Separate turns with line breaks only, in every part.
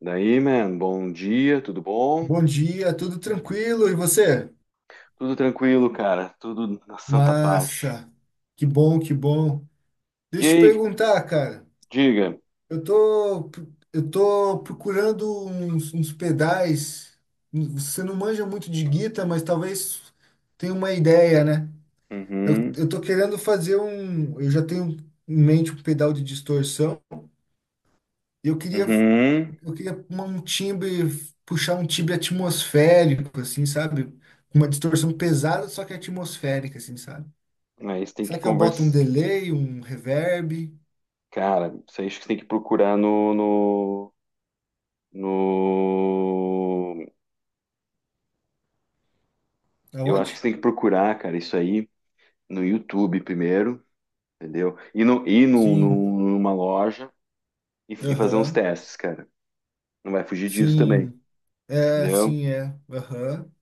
Daí, man, bom dia, tudo bom?
Bom dia, tudo tranquilo e você?
Tudo tranquilo, cara, tudo na santa paz.
Massa, que bom, que bom.
E
Deixa eu te
aí,
perguntar, cara.
diga.
Eu tô, eu tô procurando uns pedais. Você não manja muito de guitarra, mas talvez tenha uma ideia, né? Eu,
Uhum,
eu tô querendo fazer um. Eu já tenho em mente um pedal de distorção. E eu queria,
uhum.
eu queria uma- um timbre, puxar um timbre atmosférico, assim, sabe? Uma distorção pesada, só que atmosférica, assim, sabe?
Aí você tem
Será
que
que eu boto um
conversar.
delay, um reverb?
Cara, isso aí acho que você tem que procurar no. Eu acho
Aonde?
que você tem que procurar, cara, isso aí no YouTube primeiro, entendeu? Ir no
Sim,
num- numa loja e fazer uns
aham.
testes, cara. Não vai fugir disso também,
Sim. É,
entendeu?
sim, é. Aham.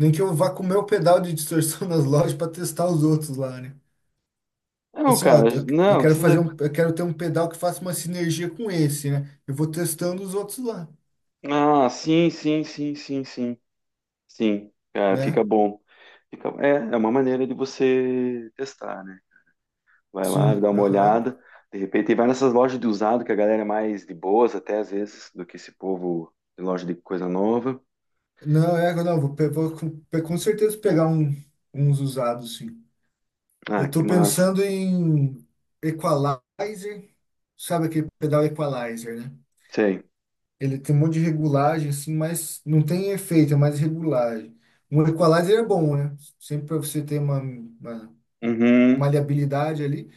Nem que eu vá com o meu pedal de distorção nas lojas para testar os outros lá, né?
Não,
Assim, ó,
cara,
eu, eu
não
quero fazer
precisa.
um, eu quero ter um pedal que faça uma sinergia com esse, né? Eu vou testando os outros lá,
Ah, sim, sim, sim, sim, sim. Sim, cara,
né?
fica bom. É uma maneira de você testar, né? Vai lá,
Sim,
dá uma
aham.
olhada, de repente, e vai nessas lojas de usado, que a galera é mais de boas até às vezes, do que esse povo de loja de coisa nova.
Não, é, não, vou com com certeza pegar uns usados, sim. Eu
Ah, que
estou
massa.
pensando em equalizer, sabe aquele pedal equalizer, né?
Sei.
Ele tem um monte de regulagem, assim, mas não tem efeito, é mais regulagem. Um equalizer é bom, né? Sempre para você ter uma
Uhum.
maleabilidade ali.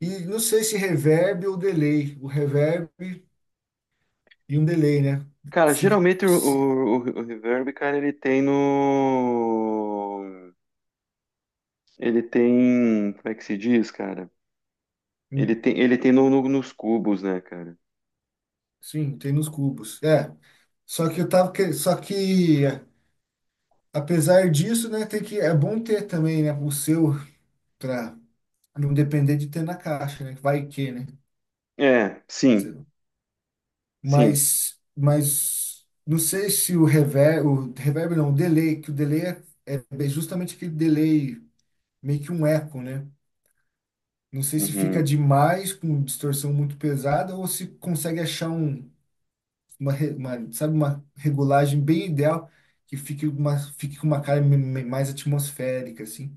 E não sei se reverb ou delay. O reverb e um delay, né?
Cara,
Se,
geralmente o,
se,
o, o o reverb, cara, ele tem no. Ele tem. Como é que se diz, cara? Ele
hum,
tem, ele tem nos cubos, né, cara?
sim, tem nos cubos. É. Só que eu tava. Que- Só que, é, apesar disso, né, tem que, é bom ter também, né, o seu. Não depender de ter na caixa, né? Vai que, né?
É,
Sei
sim,
lá.
sim.
Mas não sei se o reverb, o reverb não, o delay, que o delay é justamente aquele delay, meio que um eco, né? Não sei se fica
Uhum.
demais com distorção muito pesada ou se consegue achar uma, sabe, uma regulagem bem ideal que fique com uma cara mais atmosférica, assim.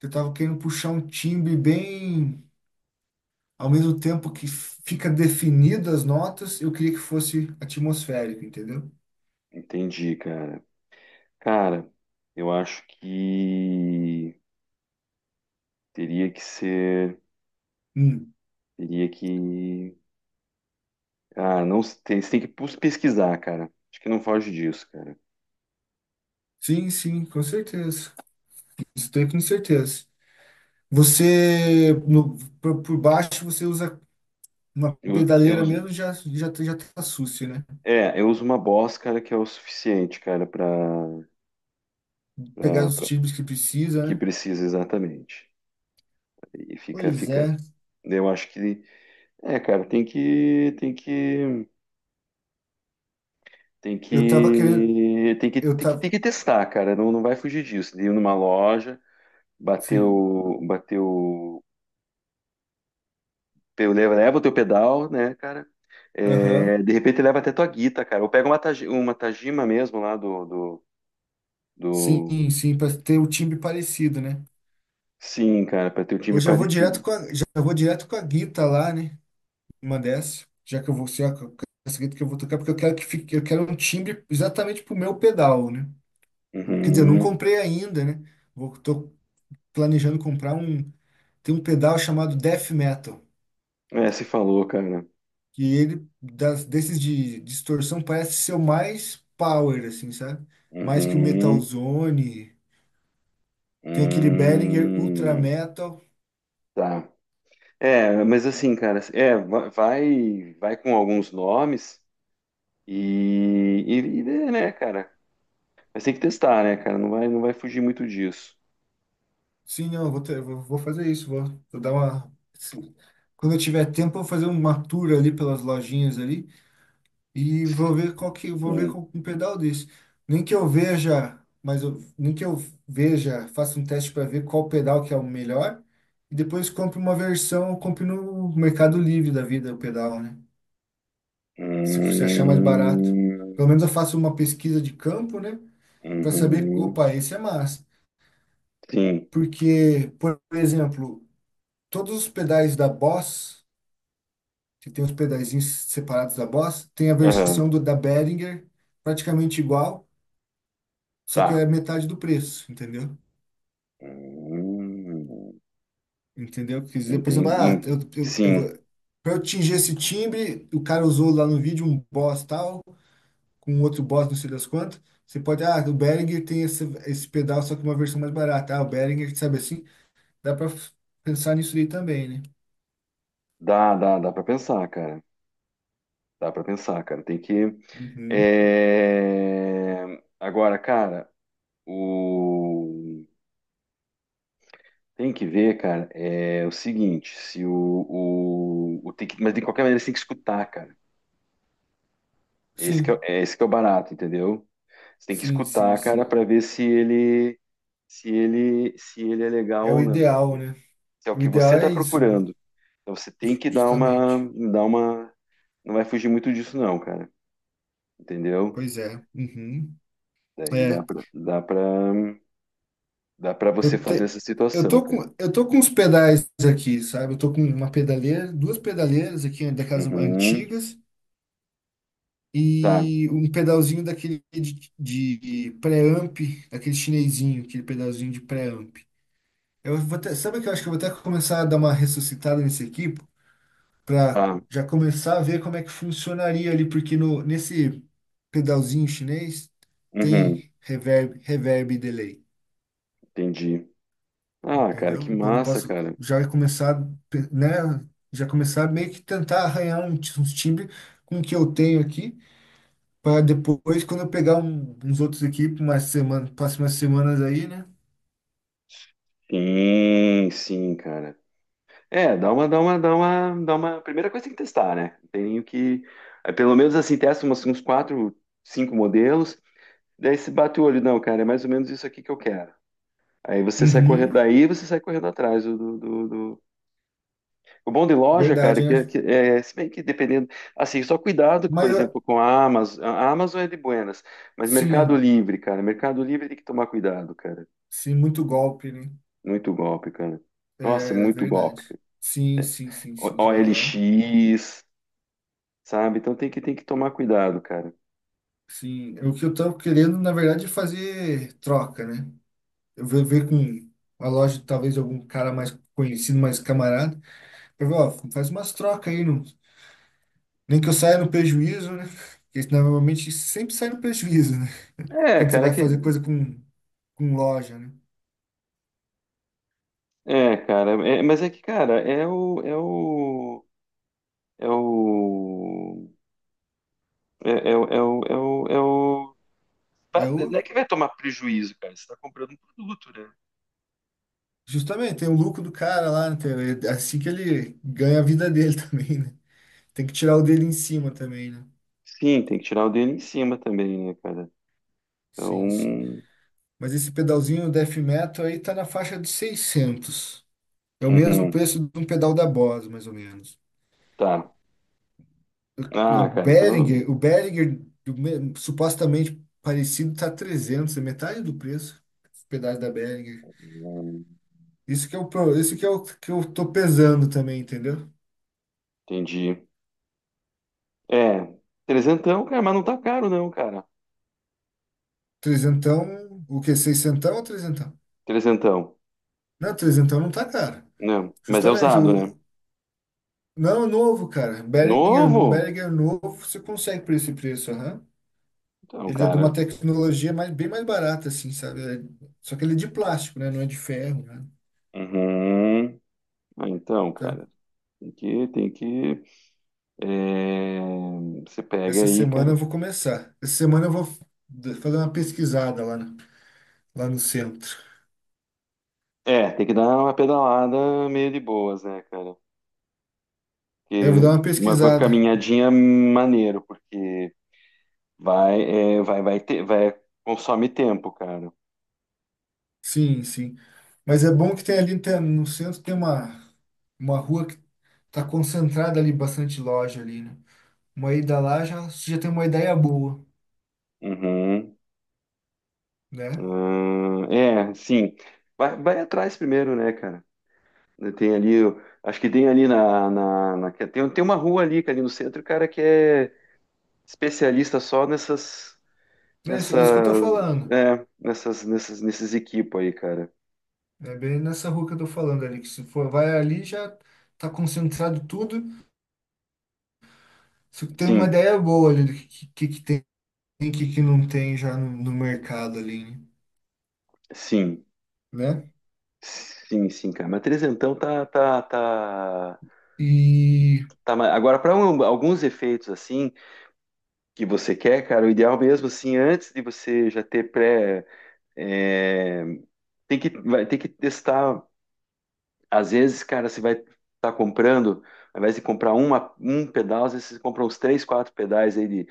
Eu tava querendo puxar um timbre bem ao mesmo tempo que fica definidas as notas, eu queria que fosse atmosférico, entendeu?
Entendi, cara. Cara, eu acho que teria que ser,
Hum.
teria que, você tem que pesquisar, cara. Acho que não foge disso, cara.
Sim, sim, com certeza. Isso tem com certeza. Você, no, por baixo, você usa uma
Eu, eu,
pedaleira
uso-
mesmo, já tá sucio, né?
eu uso uma Boss, cara, que é o suficiente, cara, para
Pegar os timbres que precisa,
que
né?
precisa exatamente. E fica,
Pois
fica.
é.
Eu acho que, cara,
Eu tava querendo, eu
tem
tava,
que testar, cara. Não não vai fugir disso. De ir numa loja, bater
sim,
o, bater o. Eu levo, leva o teu pedal, né, cara? É,
aham.
de repente leva até tua guita, cara. Ou pega uma Tajima mesmo lá do, do,
Sim,
do...
sim, para ter o timbre parecido, né?
Sim, cara, pra ter o time
Hoje eu já vou direto
parecido.
com a guita lá, né? Uma dessa, já que eu vou ser a casqueta que eu vou tocar, porque eu quero um timbre exatamente pro meu pedal, né? Quer dizer, eu não
Uhum.
comprei ainda, né? Tô planejando comprar um, tem um pedal chamado Death Metal,
É, se falou, cara.
que ele das desses de distorção parece ser o mais power assim, sabe? Mais que o Metal
Uhum.
Zone, tem aquele Behringer Ultra
Hum.
Metal.
Tá. É, mas assim, cara, vai com alguns nomes e vê, né, cara? Mas tem que testar, né, cara? Não vai fugir muito disso.
Sim, não, eu vou fazer isso, vou dar uma assim, quando eu tiver tempo, eu vou fazer uma tour ali pelas lojinhas ali e vou ver qual que vou ver
Sim.
com um pedal desse. Nem que eu veja, mas eu, nem que eu veja, faça um teste para ver qual pedal que é o melhor e depois compre no Mercado Livre da vida o pedal, né? Se você achar mais barato.
Hum.
Pelo menos eu faço uma pesquisa de campo, né, para saber,
Uhum.
opa, esse é massa.
Sim.
Porque, por exemplo, todos os pedais da Boss, que tem os pedazinhos separados da Boss, tem a versão
Aham.
da Behringer praticamente igual só que
Tá.
é metade do preço, entendeu?
Hum,
Entendeu? Quer dizer, por exemplo,
Entendi.
ah, eu, eu vou,
Sim.
pra eu atingir esse timbre, o cara usou lá no vídeo um Boss tal, com um outro Boss não sei das quantas. Você pode, ah, o Behringer tem esse pedal, só que uma versão mais barata. Ah, o Behringer, sabe assim? Dá pra pensar nisso aí também, né?
Dá, dá, dá pra pensar, cara. Dá pra pensar, cara. Tem que.
Uhum.
É, agora, cara, o... tem que ver, cara, é o seguinte, se o tem que. Mas de qualquer maneira você tem que escutar, cara. Esse que é, o-
Sim,
É esse que é o barato, entendeu? Você tem que
sim, sim,
escutar, cara,
sim.
pra ver se ele é legal
É o
ou não.
ideal, né?
Se é o
O
que
ideal
você tá
é isso, né?
procurando. Então você tem que dar uma,
Justamente.
dar uma, não vai fugir muito disso não, cara, entendeu?
Pois é. Uhum.
Daí dá
É.
pra, dá pra, dá pra você
Eu,
fazer
te,
essa
eu
situação,
tô
cara.
com, eu tô com os pedais aqui, sabe? Eu tô com uma pedaleira, duas pedaleiras aqui, né, daquelas
Uhum,
antigas,
tá,
e um pedalzinho daquele de pré-amp, daquele chinesinho, aquele pedalzinho de pré-amp. Sabe o que eu acho que eu vou até começar a dar uma ressuscitada nesse aqui, pra
tá,
já começar a ver como é que funcionaria ali, porque no, nesse pedalzinho chinês
uhum,
tem reverb e delay.
entendi. Ah, cara, que
Entendeu? Então eu não
massa,
posso
cara.
já começar, né? Já começar meio que tentar arranhar uns times com o que eu tenho aqui, para depois, quando eu pegar uns outros aqui, para umas semanas, próximas semanas aí, né?
Sim, sim, cara. É, dá uma. Primeira coisa tem que testar, né? Tem nem o que, aí pelo menos assim testa uns quatro, cinco modelos. Daí se bate o olho, não, cara, é mais ou menos isso aqui que eu quero. Aí você sai
Uhum,
correndo, daí você sai correndo atrás do. O bom de loja, cara,
verdade, né?
que é, se bem que dependendo, assim, só cuidado, por
Mas eu-
exemplo, com a Amazon. A Amazon é de buenas, mas Mercado
sim,
Livre, cara, Mercado Livre tem que tomar cuidado, cara.
sim, muito golpe, né?
Muito golpe, cara. Nossa,
É
muito golpe,
verdade.
cara.
Sim, sim, sim, sim, aham.
OLX, sabe? Então tem que tomar cuidado, cara.
Sim, é o que eu tava querendo, na verdade, é fazer troca, né? Eu vou ver com a loja, talvez algum cara mais conhecido, mais camarada. Ó, faz umas trocas aí, não, nem que eu saia no prejuízo, né? Porque isso, normalmente sempre sai no prejuízo, né?
É,
Quando você
cara, é
vai
que
fazer coisa com loja, né?
é, cara, mas é que, cara, é o é o é o é o é o
É o,
não é que vai tomar prejuízo, cara. Você tá comprando um produto, né?
justamente, tem o lucro do cara lá, né? É assim que ele ganha a vida dele também, né? Tem que tirar o dele em cima também, né?
Sim, tem que tirar o dedo em cima também, né, cara?
Sim, sim.
Então,
Mas esse pedalzinho Death Metal aí tá na faixa de 600. É o mesmo
uhum,
preço de um pedal da Boss, mais ou menos.
tá.
O
Ah, cara, então,
Behringer, o Behringer supostamente parecido tá 300 é metade do preço. Esse pedaço da Behringer.
hum,
Isso que é o pro- isso que é o que eu tô pesando também, entendeu?
entendi. É, trezentão, cara, mas não tá caro não, cara.
Trezentão, o que seiscentão ou trezentão?
Trezentão,
Não, trezentão não tá caro.
não, mas é
Justamente
usado, né?
o não, novo, cara. Behringer, num
Novo?
Behringer novo, você consegue por esse preço, aham.
Então,
Ele é de uma
cara,
tecnologia mais, bem mais barata, assim, sabe? Só que ele é de plástico, né? Não é de ferro, né?
uhum. Ah, então,
Então,
cara, tem que, tem que, é, você pega
essa
aí,
semana eu
cara.
vou começar. Essa semana eu vou fazer uma pesquisada lá, lá no centro.
É, tem que dar uma pedalada meio de boas, né, cara?
É, eu vou dar
Que
uma
uma
pesquisada.
caminhadinha maneiro, porque vai, é, vai, vai ter, vai, consome tempo, cara.
Sim, sim. Mas é bom que no centro tem uma rua que tá concentrada ali, bastante loja ali, né? Uma ida lá já, já tem uma ideia boa,
Uhum.
né?
Ah, é, sim. Vai atrás primeiro, né, cara? Tem ali, eu acho que tem ali que tem uma rua ali, que é ali no centro, cara, que é especialista só nessas,
É isso que eu tô
nessas,
falando.
nesses equipos aí, cara.
É bem nessa rua que eu tô falando ali, que se for, vai ali já tá concentrado tudo. Você tem uma
Sim,
ideia boa ali do que, que tem e o que, que não tem já no mercado ali, né?
sim,
Né?
sim, sim, cara. Mas trezentão tá, tá, tá.
E
Tá, mas agora para alguns efeitos assim que você quer, cara, o ideal mesmo assim, antes de você já ter pré, é, tem que vai ter que testar. Às vezes, cara, você vai estar comprando, ao invés de comprar um pedal, às vezes você compra uns três, quatro pedais aí de,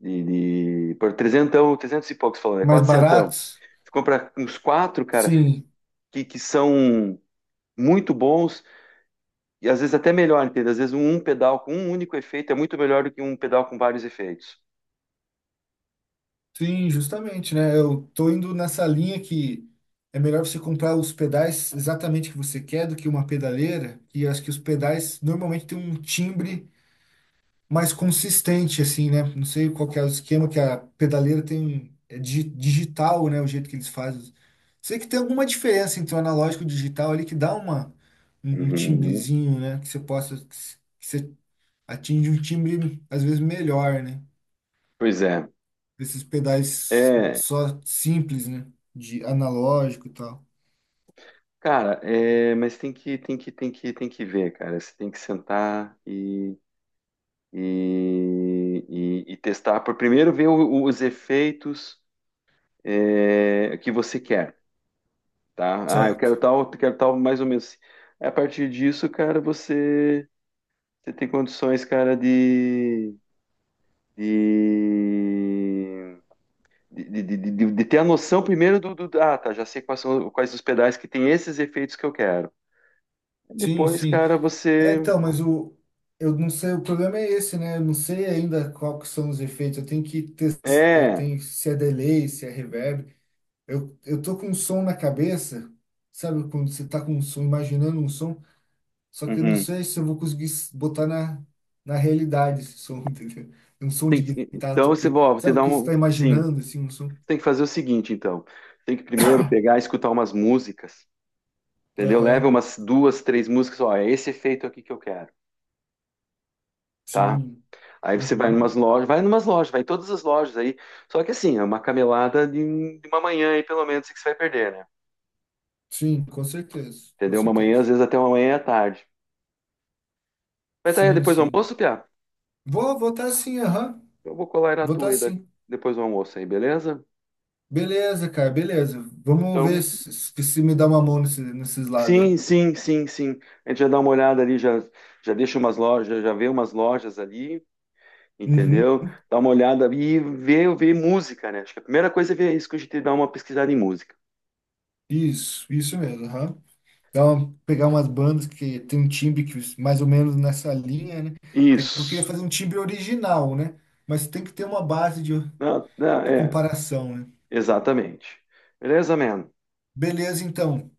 de, de por trezentão, trezentos e poucos falando, é
mais
quatrocentão.
baratos?
Você compra uns quatro, cara,
Sim,
que são muito bons e às vezes até melhor, entende? Às vezes um pedal com um único efeito é muito melhor do que um pedal com vários efeitos.
sim, justamente, né? Eu tô indo nessa linha que é melhor você comprar os pedais exatamente que você quer do que uma pedaleira, e acho que os pedais normalmente têm um timbre mais consistente, assim, né? Não sei qual que é o esquema que a pedaleira tem, é digital, né? O jeito que eles fazem. Sei que tem alguma diferença entre o analógico e o digital ali que dá uma, um um
Uhum.
timbrezinho, né? Que atinge um timbre às vezes melhor, né?
Pois é.
Esses pedais
É,
só simples, né? De analógico e tal.
cara, mas tem que ver, cara. Você tem que sentar e, e testar. Por primeiro ver os efeitos que você quer, tá? Ah,
Certo.
eu quero tal, mais ou menos. A partir disso, cara, você tem condições, cara, de de ter a noção primeiro do, ah, tá, já sei quais os pedais que tem esses efeitos que eu quero.
Sim,
Depois,
sim.
cara,
É,
você.
então, mas o eu não sei, o problema é esse, né? Eu não sei ainda qual que são os efeitos. Eu tenho que ter, eu
É.
tenho se é delay, se é reverb. Eu tô com um som na cabeça, sabe? Quando você tá com um som, imaginando um som, só que eu não
Uhum.
sei se eu vou conseguir botar na realidade esse som, entendeu? É um som de guitarra,
Então você ó, vou te
sabe o
dar
que você está
um. Sim. Você
imaginando, assim, um som?
tem que fazer o seguinte, então. Tem que primeiro pegar e escutar umas músicas. Entendeu? Leva
Aham,
umas duas, três músicas. Ó, é esse efeito aqui que eu quero. Tá?
sim,
Aí você vai em umas
uhum,
lojas, vai em umas lojas, vai em todas as lojas aí. Só que assim, é uma camelada de uma manhã aí, pelo menos, que você vai perder, né?
sim, com certeza, com
Entendeu? Uma manhã,
certeza.
às vezes até uma manhã à tarde. Vai estar aí
Sim,
depois do
sim.
almoço, Piá?
Vou votar sim, aham,
Eu vou colar na tua
votar
aí
sim.
depois do almoço aí, beleza?
Beleza, cara, beleza. Vamos
Então,
ver se me dá uma mão nesses lados aí.
sim, sim, sim, sim. A gente já dá uma olhada ali, já, já deixa umas lojas, já vê umas lojas ali,
Uhum,
entendeu? Dá uma olhada e vê, vê música, né? Acho que a primeira coisa é ver isso que a gente dá uma pesquisada em música.
isso mesmo, aham. Pegar umas bandas que tem um timbre que mais ou menos nessa linha, né? É que eu queria
Isso.
fazer um timbre original, né? Mas tem que ter uma base de,
Não, não,
de
é,
comparação, né?
exatamente. Beleza, man?
Beleza, então.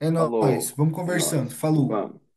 É nóis.
Falou.
Vamos
É nóis.
conversando. Falou.
Vamos.